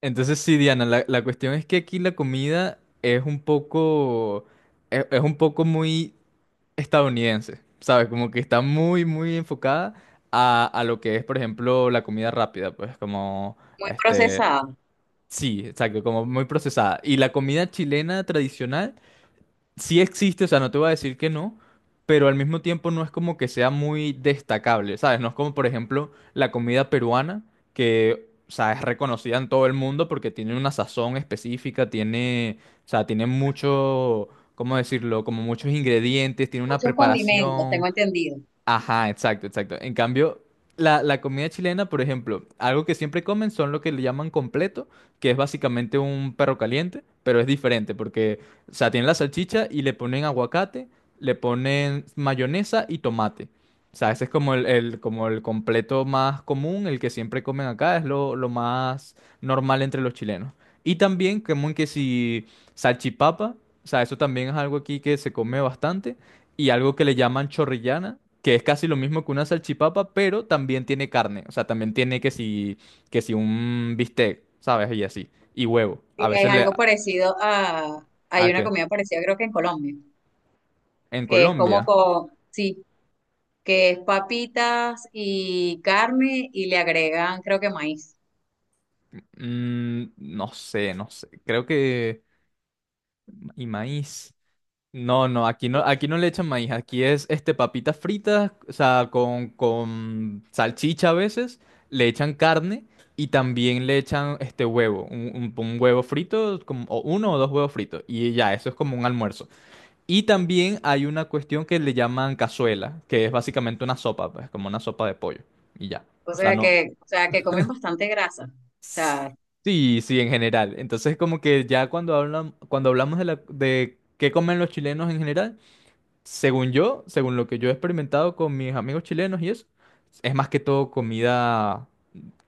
Entonces sí, Diana, la cuestión es que aquí la comida es un poco, es un poco muy estadounidense, ¿sabes? Como que está muy, muy enfocada a lo que es, por ejemplo, la comida rápida, pues como, Muy este, procesada. sí, exacto, como muy procesada. Y la comida chilena tradicional sí existe, o sea, no te voy a decir que no, pero al mismo tiempo no es como que sea muy destacable, ¿sabes? No es como, por ejemplo, la comida peruana, que, o sea, es reconocida en todo el mundo porque tiene una sazón específica, tiene, o sea, tiene mucho, ¿cómo decirlo? Como muchos ingredientes, tiene una Muchos condimentos, tengo preparación. entendido. Ajá, exacto, exacto. En cambio, la comida chilena, por ejemplo, algo que siempre comen son lo que le llaman completo, que es básicamente un perro caliente, pero es diferente porque, o sea, tienen la salchicha y le ponen aguacate, le ponen mayonesa y tomate. O sea, ese es como el completo más común, el que siempre comen acá, es lo más normal entre los chilenos. Y también, común que si salchipapa, o sea, eso también es algo aquí que se come bastante y algo que le llaman chorrillana, que es casi lo mismo que una salchipapa, pero también tiene carne. O sea, también tiene que si un bistec, ¿sabes? Y así. Y huevo. A veces Es le... algo parecido a, hay ¿A una qué? comida parecida creo que en Colombia, En que es como Colombia. con, sí, que es papitas y carne y le agregan creo que maíz. No sé, no sé. Creo que... Y maíz. No, no, aquí no, aquí no le echan maíz, aquí es papitas fritas, o sea, con salchicha a veces, le echan carne y también le echan huevo, un huevo frito, como, o uno o dos huevos fritos, y ya, eso es como un almuerzo. Y también hay una cuestión que le llaman cazuela, que es básicamente una sopa, pues, como una sopa de pollo, y ya. O sea, no. O sea que comen bastante grasa. O sea, Sí, sí, en general. Entonces, como que ya cuando hablan, cuando hablamos de la, de qué comen los chilenos en general, según yo, según lo que yo he experimentado con mis amigos chilenos y eso, es más que todo comida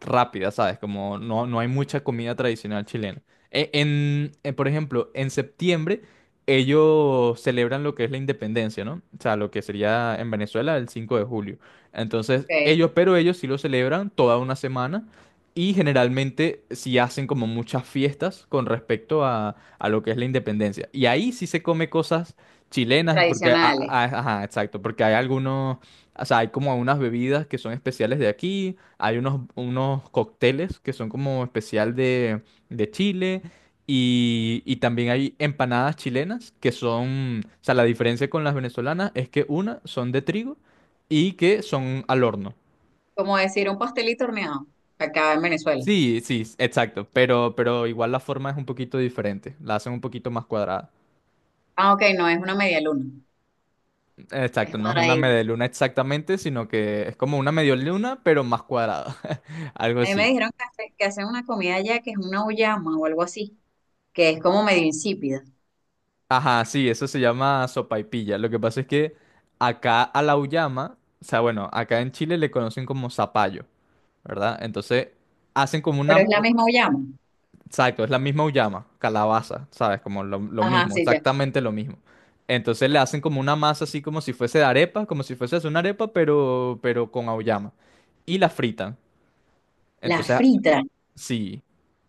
rápida, ¿sabes? Como no, no hay mucha comida tradicional chilena. En por ejemplo, en septiembre ellos celebran lo que es la independencia, ¿no? O sea, lo que sería en Venezuela el 5 de julio. Entonces, ok, ellos, pero ellos sí lo celebran toda una semana y generalmente sí hacen como muchas fiestas con respecto a lo que es la independencia. Y ahí sí se come cosas chilenas, porque, tradicionales. Ajá, exacto, porque hay algunos, o sea, hay como unas bebidas que son especiales de aquí, hay unos, unos cócteles que son como especial de, Chile, y también hay empanadas chilenas que son, o sea, la diferencia con las venezolanas es que una son de trigo y que son al horno. Como decir un pastelito horneado acá en Venezuela. Sí, sí, exacto, pero igual la forma es un poquito diferente, la hacen un poquito más cuadrada. Ah, ok, no es una media luna, es Exacto, no es una cuadradita. media luna exactamente, sino que es como una medio luna, pero más cuadrada. Algo A mí me así. dijeron que, que hacen una comida allá que es una uyama o algo así, que es como medio insípida, Ajá, sí, eso se llama sopaipilla. Lo que pasa es que acá a la uyama, o sea, bueno, acá en Chile le conocen como zapallo, ¿verdad? Entonces hacen como pero una. es la misma uyama. Exacto, es la misma uyama, calabaza, ¿sabes? Como lo Ajá, mismo, sí, ya. exactamente lo mismo. Entonces le hacen como una masa así como si fuese de arepa, como si fuese una arepa, pero con auyama. Y la fritan. La Entonces frita, sí.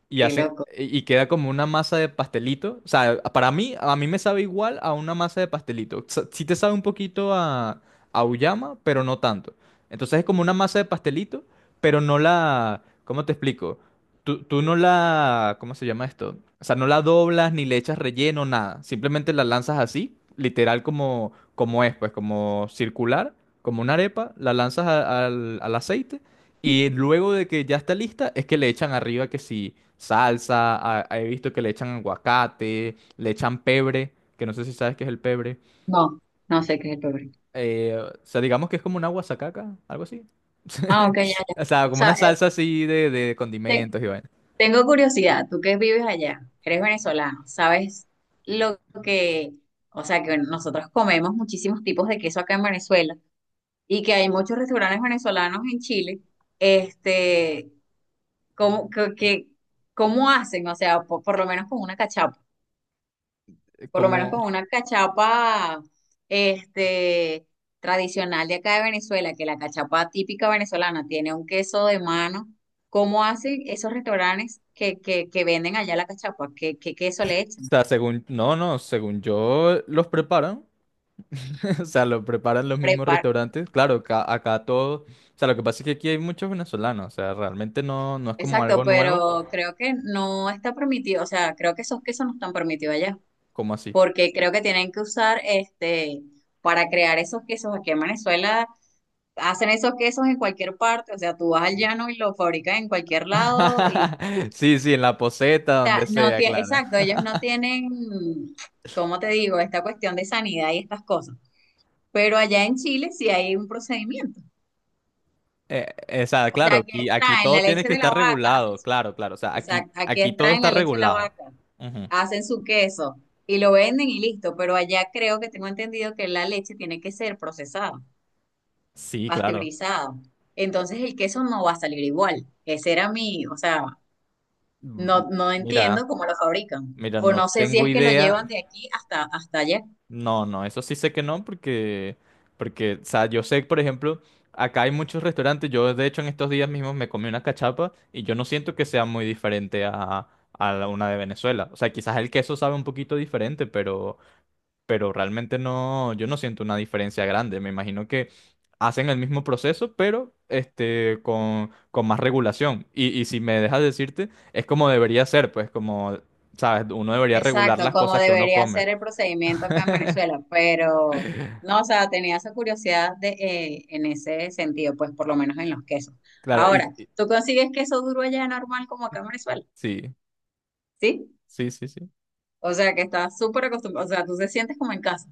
Y qué hace, loco. Y queda como una masa de pastelito. O sea, para mí, a mí me sabe igual a una masa de pastelito. Sí te sabe un poquito a uyama, pero no tanto. Entonces es como una masa de pastelito, pero no la... ¿Cómo te explico? Tú no la... ¿Cómo se llama esto? O sea, no la doblas ni le echas relleno, nada. Simplemente la lanzas así, literal como, como es, pues como circular, como una arepa, la lanzas al aceite y luego de que ya está lista, es que le echan arriba que si salsa, he visto que le echan aguacate, le echan pebre, que no sé si sabes qué es el pebre. No, no sé qué es el pebre. O sea, digamos que es como una guasacaca, algo así. Ah, ok, ya, ya. O O sea, como sea, una salsa así de te- condimentos y vaina. tengo curiosidad, tú que vives allá, eres venezolano, ¿sabes lo que, o sea, que nosotros comemos muchísimos tipos de queso acá en Venezuela y que hay muchos restaurantes venezolanos en Chile, este, cómo, cómo hacen? O sea, por lo menos con una cachapa. Por lo menos con Como, una cachapa este, tradicional de acá de Venezuela, que la cachapa típica venezolana tiene un queso de mano. ¿Cómo hacen esos restaurantes que, que venden allá la cachapa? ¿Qué, qué queso le o echan? sea, según, no, no, según yo, los preparan. O sea, lo preparan los mismos Prepar restaurantes. Claro, acá todo, o sea, lo que pasa es que aquí hay muchos venezolanos, o sea, realmente no, no es como Exacto, algo nuevo, pero creo que no está permitido, o sea, creo que esos quesos no están permitidos allá, como así. porque creo que tienen que usar este para crear esos quesos aquí en Venezuela. Hacen esos quesos en cualquier parte, o sea, tú vas al llano y lo fabrican en cualquier lado. Y o Sí, sí, en la poseta, sea, donde no sea, tiene, claro. exacto, ellos no tienen, ¿cómo te digo? Esta cuestión de sanidad y estas cosas. Pero allá en Chile sí hay un procedimiento. O sea, O sea, claro, aquí aquí extraen la todo tiene leche que de la estar vaca, regulado, claro, claro. O sea, aquí, exacto, aquí aquí todo extraen está la leche de la regulado. vaca, Ujú. hacen su queso y lo venden y listo. Pero allá creo que tengo entendido que la leche tiene que ser procesada, Sí, claro. pasteurizada. Entonces el queso no va a salir igual. Ese era mi, o sea, Mm, no, no Mira, entiendo cómo lo fabrican. mira, O no no sé si tengo es que lo llevan idea. de aquí hasta, hasta allá. No, no, eso sí sé que no, porque, o sea, yo sé, por ejemplo, acá hay muchos restaurantes. Yo, de hecho, en estos días mismos me comí una cachapa y yo no siento que sea muy diferente a, a una de Venezuela. O sea, quizás el queso sabe un poquito diferente, pero realmente no, yo no siento una diferencia grande. Me imagino que hacen el mismo proceso, pero con más regulación. Y si me dejas decirte, es como debería ser, pues como, sabes, uno debería regular Exacto, las como cosas que uno debería come. ser el procedimiento acá en Venezuela, pero no, o sea, tenía esa curiosidad de, en ese sentido, pues por lo menos en los quesos. Claro, Ahora, ¿tú consigues queso duro allá normal como acá en Venezuela? sí, ¿Sí? sí, sí, sí. O sea, que estás súper acostumbrado, o sea, tú te sientes como en casa.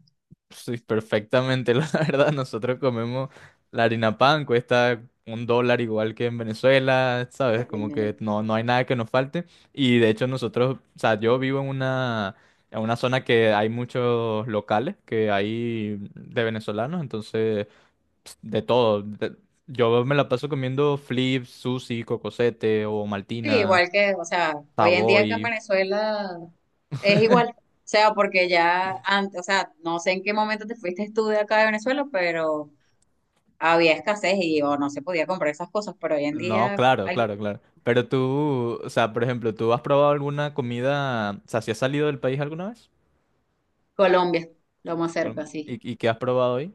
Sí, perfectamente, la verdad. Nosotros comemos la harina pan, cuesta $1 igual que en Venezuela, ¿sabes? Como Bienvenido. que no, no hay nada que nos falte. Y de hecho nosotros, o sea, yo vivo en una zona que hay muchos locales que hay de venezolanos, entonces de todo. Yo me la paso comiendo flips, sushi, cocosete o Sí, maltina, igual que, o sea, hoy en día acá en Savoy. Venezuela es igual. O sea, porque ya antes, o sea, no sé en qué momento te fuiste tú de acá de Venezuela, pero había escasez y o no se podía comprar esas cosas, pero hoy en No, día claro, hay. claro, claro. Pero tú, o sea, por ejemplo, ¿tú has probado alguna comida, o sea, si has salido del país alguna vez? Colombia, lo más Bueno, cerca, sí. ¿Y qué has probado hoy?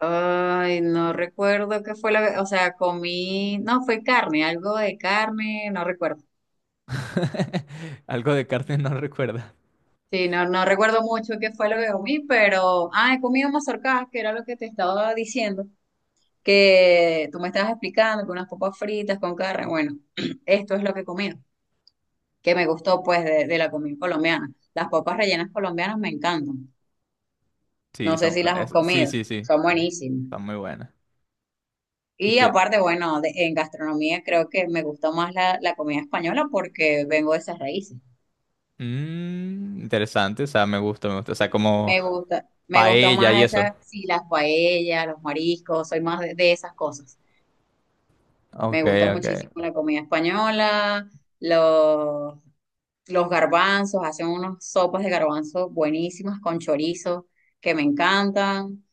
Ay, no recuerdo qué fue la, o sea, comí, no, fue carne, algo de carne, no recuerdo. Algo de carne no recuerda. Sí, no, no recuerdo mucho qué fue lo que comí, pero, ah, he comido mazorcas, que era lo que te estaba diciendo, que tú me estabas explicando, con unas papas fritas, con carne, bueno, esto es lo que comí que me gustó pues de la comida colombiana. Las papas rellenas colombianas me encantan. Sí, No sé son, si las has sí, comido, sí, sí, son sí. buenísimas. Están muy buenas. Y Y que, aparte, bueno, en gastronomía creo que me gusta más la, la comida española porque vengo de esas raíces. Interesante, o sea, me gusta, me gusta. O sea, como Me gusta paella más y eso. esas, sí, las paellas, los mariscos, soy más de esas cosas. Me Ok, gusta ok. muchísimo la comida española, los, los garbanzos, hacen unas sopas de garbanzos buenísimas con chorizo que me encantan,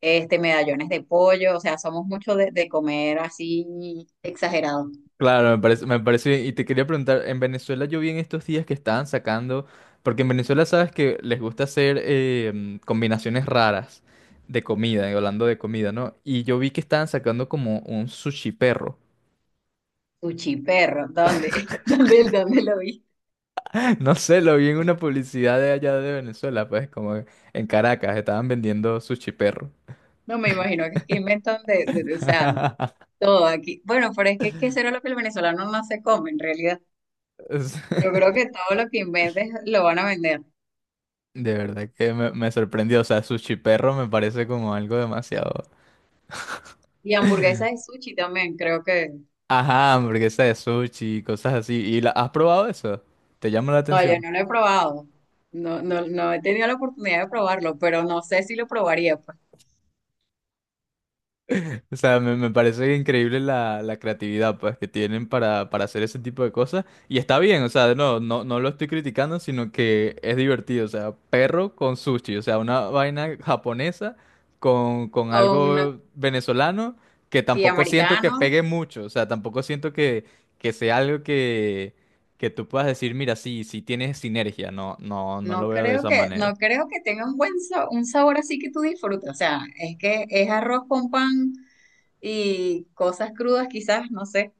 medallones de pollo, o sea, somos mucho de comer así exagerado. Claro, me parece bien. Y te quería preguntar, en Venezuela yo vi en estos días que estaban sacando, porque en Venezuela sabes que les gusta hacer combinaciones raras de comida, hablando de comida, ¿no? Y yo vi que estaban sacando como un sushi perro. Sushi perro, ¿dónde? ¿Dónde, dónde lo vi? No sé, lo vi en una publicidad de allá de Venezuela, pues como en Caracas, estaban vendiendo sushi perro. No me imagino que inventan de, o sea, todo aquí. Bueno, pero es que ¿qué será lo que el venezolano no se come en realidad? Es- Yo creo que todo lo que inventes lo van a vender. De verdad que me sorprendió, o sea, sushi perro me parece como algo demasiado... Y hamburguesas de sushi también, creo que. Ajá, hamburguesa de sushi y cosas así. ¿Y la, has probado eso? ¿Te llama la No, yo atención? no lo he probado. No, no, no he tenido la oportunidad de probarlo, pero no sé si lo probaría, pues. O sea, me parece increíble la creatividad pues, que tienen para hacer ese tipo de cosas. Y está bien, o sea, no, no, no lo estoy criticando, sino que es divertido. O sea, perro con sushi, o sea, una vaina japonesa con Con algo venezolano que y tampoco siento que americano, pegue mucho. O sea, tampoco siento que sea algo que tú puedas decir, mira, sí, sí tienes sinergia. No, no, no lo no veo de creo esa que, no manera. creo que tenga un buen un sabor así que tú disfrutes. O sea, es que es arroz con pan y cosas crudas, quizás, no sé.